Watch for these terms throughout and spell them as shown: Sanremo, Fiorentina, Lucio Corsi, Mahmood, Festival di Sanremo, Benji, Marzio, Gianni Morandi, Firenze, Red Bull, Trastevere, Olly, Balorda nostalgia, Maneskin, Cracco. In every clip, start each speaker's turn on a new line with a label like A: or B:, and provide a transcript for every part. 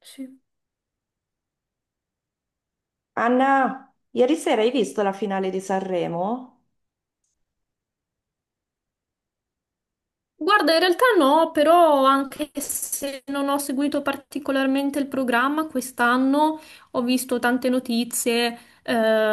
A: Sì.
B: Anna, ieri sera hai visto la finale di Sanremo?
A: Guarda, in realtà no, però anche se non ho seguito particolarmente il programma, quest'anno ho visto tante notizie,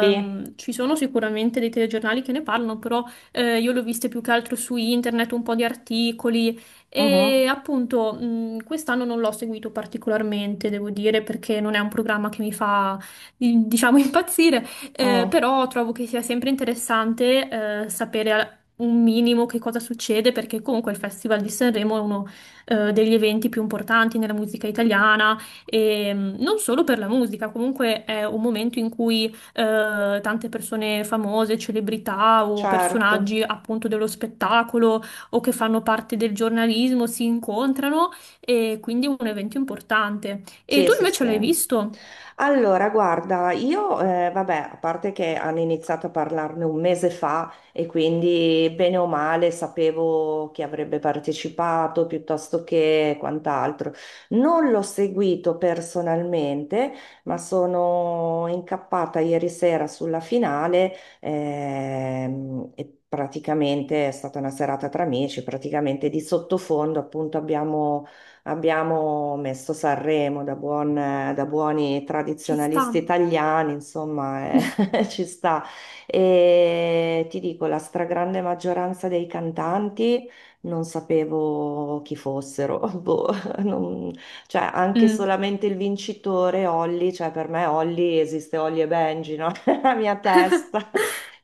B: Sì.
A: ci sono sicuramente dei telegiornali che ne parlano, però io le ho viste più che altro su internet, un po' di articoli e
B: Mhm.
A: appunto quest'anno non l'ho seguito particolarmente, devo dire, perché non è un programma che mi fa, diciamo, impazzire.
B: Mm,
A: Però trovo che sia sempre interessante sapere un minimo che cosa succede, perché comunque il Festival di Sanremo è uno degli eventi più importanti nella musica italiana e non solo per la musica, comunque è un momento in cui tante persone famose, celebrità o
B: certo.
A: personaggi appunto dello spettacolo o che fanno parte del giornalismo si incontrano e quindi è un evento importante. E
B: Sì,
A: tu
B: sì,
A: invece
B: sì.
A: l'hai visto?
B: Allora, guarda, io, vabbè, a parte che hanno iniziato a parlarne un mese fa e quindi bene o male sapevo chi avrebbe partecipato piuttosto che quant'altro. Non l'ho seguito personalmente, ma sono incappata ieri sera sulla finale, e praticamente è stata una serata tra amici, praticamente di sottofondo appunto abbiamo messo Sanremo da buoni
A: Ci sta.
B: tradizionalisti italiani, insomma, ci sta. E ti dico, la stragrande maggioranza dei cantanti non sapevo chi fossero. Boh, non- cioè, anche
A: Mm.
B: solamente il vincitore, Olly, cioè per me Olly esiste Olly e Benji, no? Nella mia testa.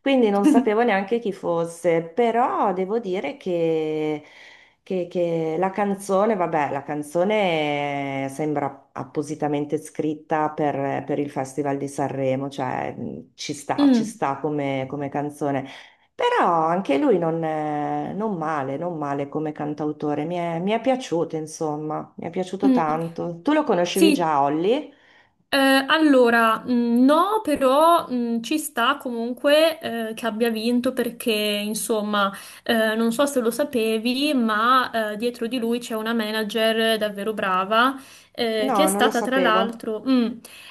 B: Quindi non sapevo neanche chi fosse, però devo dire che... Che la canzone, vabbè, la canzone sembra appositamente scritta per il Festival di Sanremo, cioè ci
A: Mm,
B: sta come canzone. Però anche lui non male, non male come cantautore, mi è piaciuto, insomma, mi è piaciuto
A: mm.
B: tanto. Tu lo conoscevi
A: Sì.
B: già, Olly?
A: Allora, no, però ci sta comunque che abbia vinto perché, insomma, non so se lo sapevi, ma dietro di lui c'è una manager davvero brava che
B: No, non lo sapevo.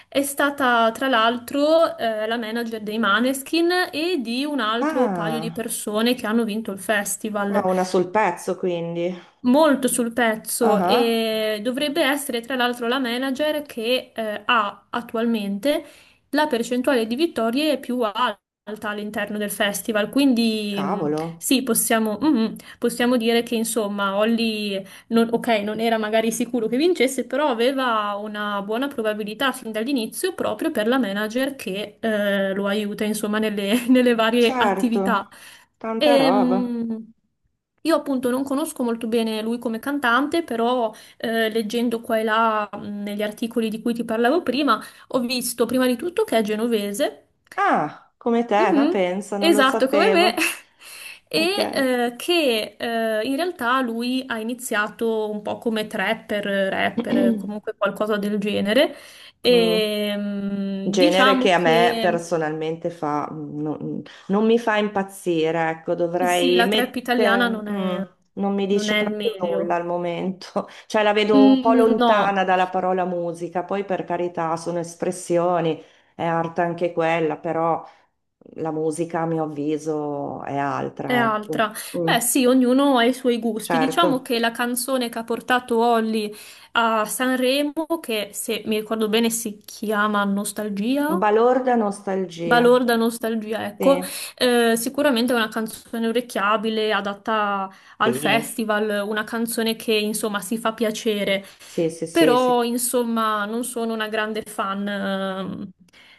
A: è stata tra l'altro la manager dei Maneskin e di un altro paio di
B: Ah,
A: persone che hanno vinto il festival.
B: ah, una sul pezzo, quindi.
A: Molto sul
B: Ah,
A: pezzo
B: ah,
A: e dovrebbe essere tra l'altro la manager che ha attualmente la percentuale di vittorie più alta all'interno del festival. Quindi
B: cavolo,
A: sì, possiamo dire che insomma Holly, ok, non era magari sicuro che vincesse, però aveva una buona probabilità fin dall'inizio proprio per la manager che lo aiuta insomma nelle nelle varie attività.
B: certo, tanta roba.
A: Ehm, io appunto non conosco molto bene lui come cantante, però leggendo qua e là negli articoli di cui ti parlavo prima, ho visto prima di tutto che è genovese.
B: Ah, come te, ma
A: Mhm,
B: pensa, non lo
A: esatto come me,
B: sapevo.
A: e
B: Ok.
A: che in realtà lui ha iniziato un po' come trapper, rapper, comunque qualcosa del genere,
B: Mm.
A: e
B: Genere
A: diciamo
B: che a me
A: che...
B: personalmente fa, non mi fa impazzire, ecco,
A: Eh sì,
B: dovrei
A: la trap italiana
B: mettere,
A: non è,
B: non mi
A: non
B: dice
A: è il
B: proprio nulla
A: meglio.
B: al momento, cioè la vedo un po'
A: Mm,
B: lontana
A: no,
B: dalla parola musica, poi per carità sono espressioni, è arte anche quella, però la musica a mio avviso è
A: è
B: altra, ecco.
A: altra.
B: Mm,
A: Beh, sì, ognuno ha i suoi gusti. Diciamo
B: certo,
A: che la canzone che ha portato Olly a Sanremo, che se mi ricordo bene si chiama Nostalgia,
B: balorda nostalgia.
A: balorda nostalgia, ecco,
B: Sì,
A: eh sicuramente è una canzone orecchiabile, adatta al
B: sì,
A: festival, una canzone che insomma si fa piacere,
B: sì, sì, sì,
A: però
B: sì,
A: insomma non sono una grande fan,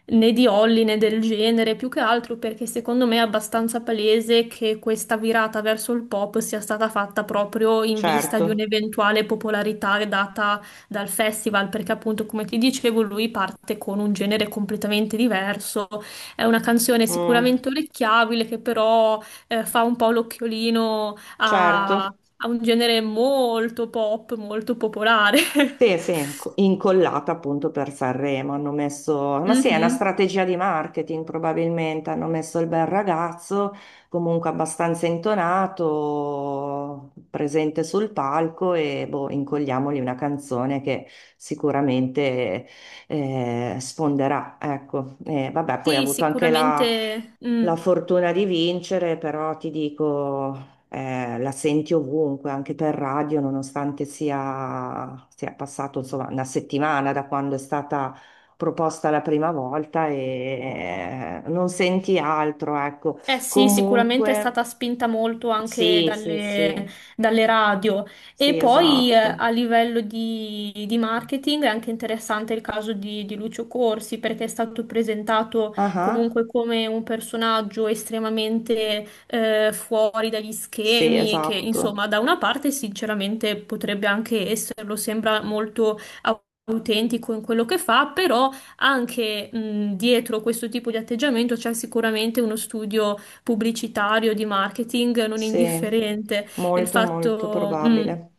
A: né di Holly né del genere, più che altro perché secondo me è abbastanza palese che questa virata verso il pop sia stata fatta proprio in vista di
B: certo.
A: un'eventuale popolarità data dal festival, perché appunto come ti dicevo lui parte con un genere completamente diverso. È una canzone
B: Mm,
A: sicuramente orecchiabile che però fa un po' l'occhiolino a,
B: certo.
A: un genere molto pop, molto popolare.
B: Incollata appunto per Sanremo, hanno messo, ma sì, è una
A: Mhm.
B: strategia di marketing probabilmente, hanno messo il bel ragazzo, comunque abbastanza intonato, presente sul palco e boh, incolliamogli una canzone che sicuramente sfonderà, ecco. E vabbè, poi ha
A: Sì,
B: avuto anche la
A: sicuramente. Mm.
B: la fortuna di vincere, però ti dico la senti ovunque, anche per radio, nonostante sia passato insomma una settimana da quando è stata proposta la prima volta e non senti altro, ecco.
A: Eh sì, sicuramente è
B: Comunque,
A: stata spinta molto anche
B: sì, sì,
A: dalle,
B: sì,
A: radio. E
B: sì,
A: poi
B: esatto.
A: a livello di, marketing è anche interessante il caso di, Lucio Corsi, perché è stato presentato
B: Ah,
A: comunque come un personaggio estremamente fuori dagli
B: sì,
A: schemi, che
B: esatto,
A: insomma da una parte sinceramente potrebbe anche esserlo, sembra molto autentico in quello che fa, però anche dietro questo tipo di atteggiamento c'è sicuramente uno studio pubblicitario, di marketing non
B: sì,
A: indifferente. Il
B: molto, molto
A: fatto, mm,
B: probabile,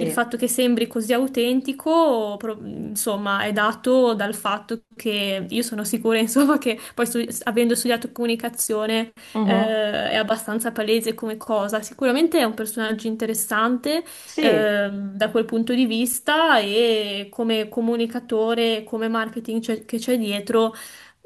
A: il fatto che sembri così autentico, insomma, è dato dal fatto che io sono sicura, insomma, che poi avendo studiato comunicazione,
B: Mhm.
A: è abbastanza palese come cosa. Sicuramente è un personaggio interessante,
B: Sì.
A: da quel punto di vista e come comunicatore, come marketing che c'è dietro.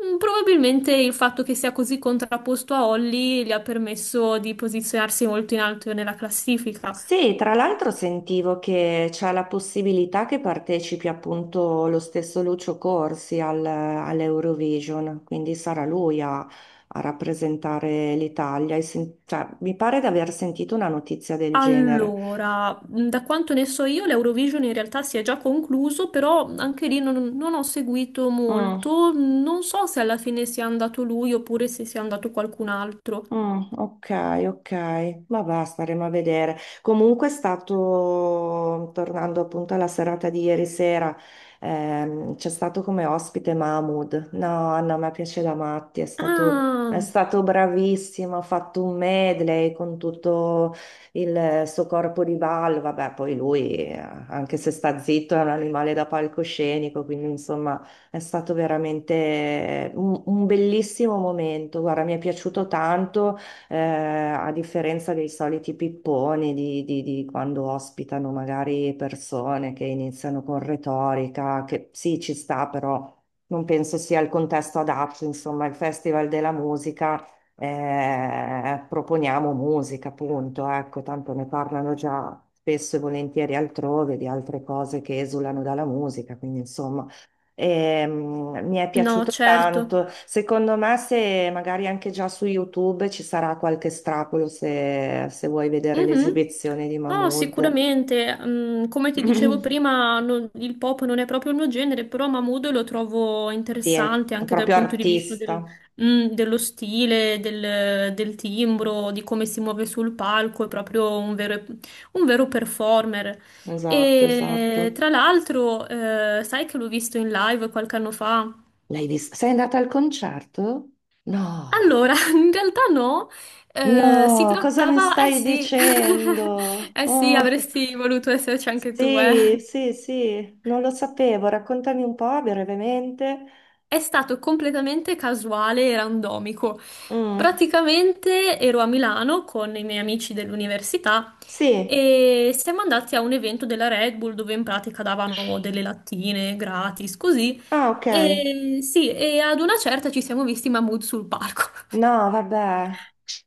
A: Probabilmente il fatto che sia così contrapposto a Holly gli ha permesso di posizionarsi molto in alto nella classifica.
B: Sì, tra l'altro sentivo che c'è la possibilità che partecipi appunto lo stesso Lucio Corsi all'Eurovision, quindi sarà lui a rappresentare l'Italia. E cioè, mi pare di aver sentito una notizia del genere.
A: Allora, da quanto ne so io, l'Eurovision in realtà si è già concluso, però anche lì non ho seguito
B: Mm.
A: molto. Non so se alla fine sia andato lui oppure se sia andato qualcun altro.
B: Mm, ok, ok, ma va, staremo a vedere. Comunque è stato, tornando appunto alla serata di ieri sera, c'è stato come ospite Mahmood. No, Anna, a me piace da matti, è stato, è
A: Ah,
B: stato bravissimo, ha fatto un medley con tutto il suo corpo di ballo. Vabbè, poi lui, anche se sta zitto, è un animale da palcoscenico, quindi insomma... È stato veramente un bellissimo momento. Guarda, mi è piaciuto tanto, a differenza dei soliti pipponi di quando ospitano magari persone che iniziano con retorica, che sì, ci sta, però non penso sia il contesto adatto. Insomma, il Festival della Musica, proponiamo musica, appunto. Ecco, tanto ne parlano già spesso e volentieri altrove di altre cose che esulano dalla musica, quindi insomma. Mi è
A: no,
B: piaciuto
A: certo.
B: tanto. Secondo me, se magari anche già su YouTube ci sarà qualche strapolo se vuoi vedere
A: Mhm.
B: l'esibizione di
A: No,
B: Mahmood.
A: sicuramente. Come ti dicevo prima, il pop non è proprio il mio genere, però Mahmood lo trovo
B: Sì, è
A: interessante anche dal
B: proprio
A: punto di vista
B: artista.
A: dello stile, del, del timbro, di come si muove sul palco, è proprio un vero performer.
B: Esatto,
A: E
B: esatto.
A: tra l'altro, sai che l'ho visto in live qualche anno fa?
B: L'hai vista? Sei andata al concerto?
A: Allora,
B: No,
A: in realtà no, si
B: no, cosa mi
A: trattava, eh
B: stai
A: sì,
B: dicendo?
A: eh sì,
B: Oh,
A: avresti voluto esserci anche tu, eh.
B: sì, sì, sì, non lo sapevo. Raccontami un po' brevemente.
A: È stato completamente casuale e randomico.
B: Mm,
A: Praticamente ero a Milano con i miei amici dell'università
B: sì.
A: e siamo andati a un evento della Red Bull dove in pratica davano delle lattine gratis, così.
B: Ah, ok.
A: E sì, e ad una certa ci siamo visti i Mahmood sul palco.
B: No, vabbè,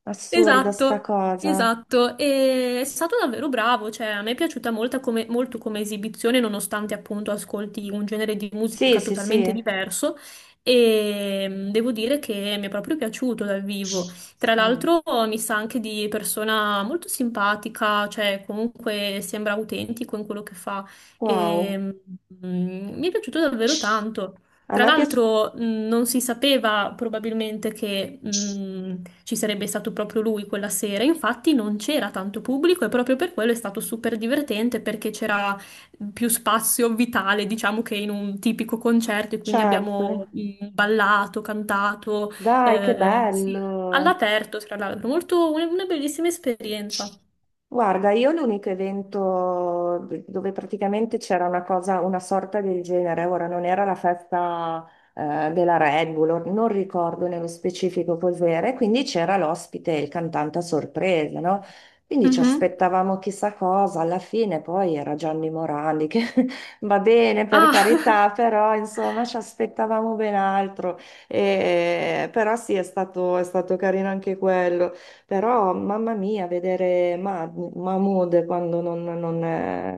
B: assurda sta
A: Esatto,
B: cosa.
A: esatto, e è stato davvero bravo, cioè a me è piaciuta molta molto come esibizione, nonostante appunto ascolti un genere di
B: Sì,
A: musica
B: sì,
A: totalmente
B: sì.
A: diverso e devo dire che mi è proprio piaciuto dal vivo. Tra
B: Mm,
A: l'altro mi sa anche di persona molto simpatica, cioè comunque sembra autentico in quello che fa e
B: wow.
A: mi è piaciuto davvero tanto.
B: A
A: Tra
B: me piace,
A: l'altro, non si sapeva probabilmente che ci sarebbe stato proprio lui quella sera, infatti non c'era tanto pubblico e proprio per quello è stato super divertente perché c'era più spazio vitale, diciamo, che in un tipico concerto e quindi
B: certo.
A: abbiamo ballato, cantato,
B: Dai, che
A: eh sì,
B: bello.
A: all'aperto, tra l'altro, molto una bellissima esperienza.
B: Guarda, io l'unico evento dove praticamente c'era una cosa, una sorta del genere, ora non era la festa della Red Bull, non ricordo nello specifico cos'era, e quindi c'era l'ospite, il cantante a sorpresa, no? Quindi ci
A: Mhm.
B: aspettavamo chissà cosa, alla fine poi era Gianni Morandi, che va bene per
A: Ah,
B: carità, però insomma ci aspettavamo ben altro. Però sì, è stato carino anche quello. Però, mamma mia, vedere Mahmood quando non, non è-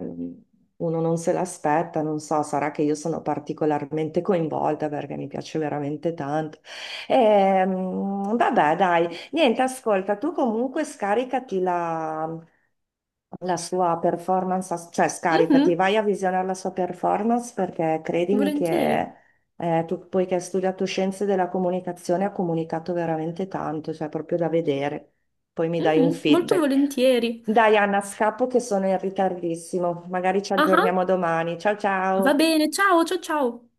B: uno non se l'aspetta, non so, sarà che io sono particolarmente coinvolta perché mi piace veramente tanto. Vabbè, dai, niente, ascolta, tu comunque scaricati la sua performance, cioè scaricati,
A: mhm,
B: vai a visionare la sua performance perché credimi che
A: volentieri,
B: tu, poiché ha studiato scienze della comunicazione, ha comunicato veramente tanto, cioè proprio da vedere. Poi mi dai un
A: Mhm, molto
B: feedback.
A: volentieri.
B: Dai, Anna, scappo che sono in ritardissimo. Magari ci
A: Ah. Ah.
B: aggiorniamo domani. Ciao
A: Va
B: ciao.
A: bene, ciao, ciao, ciao.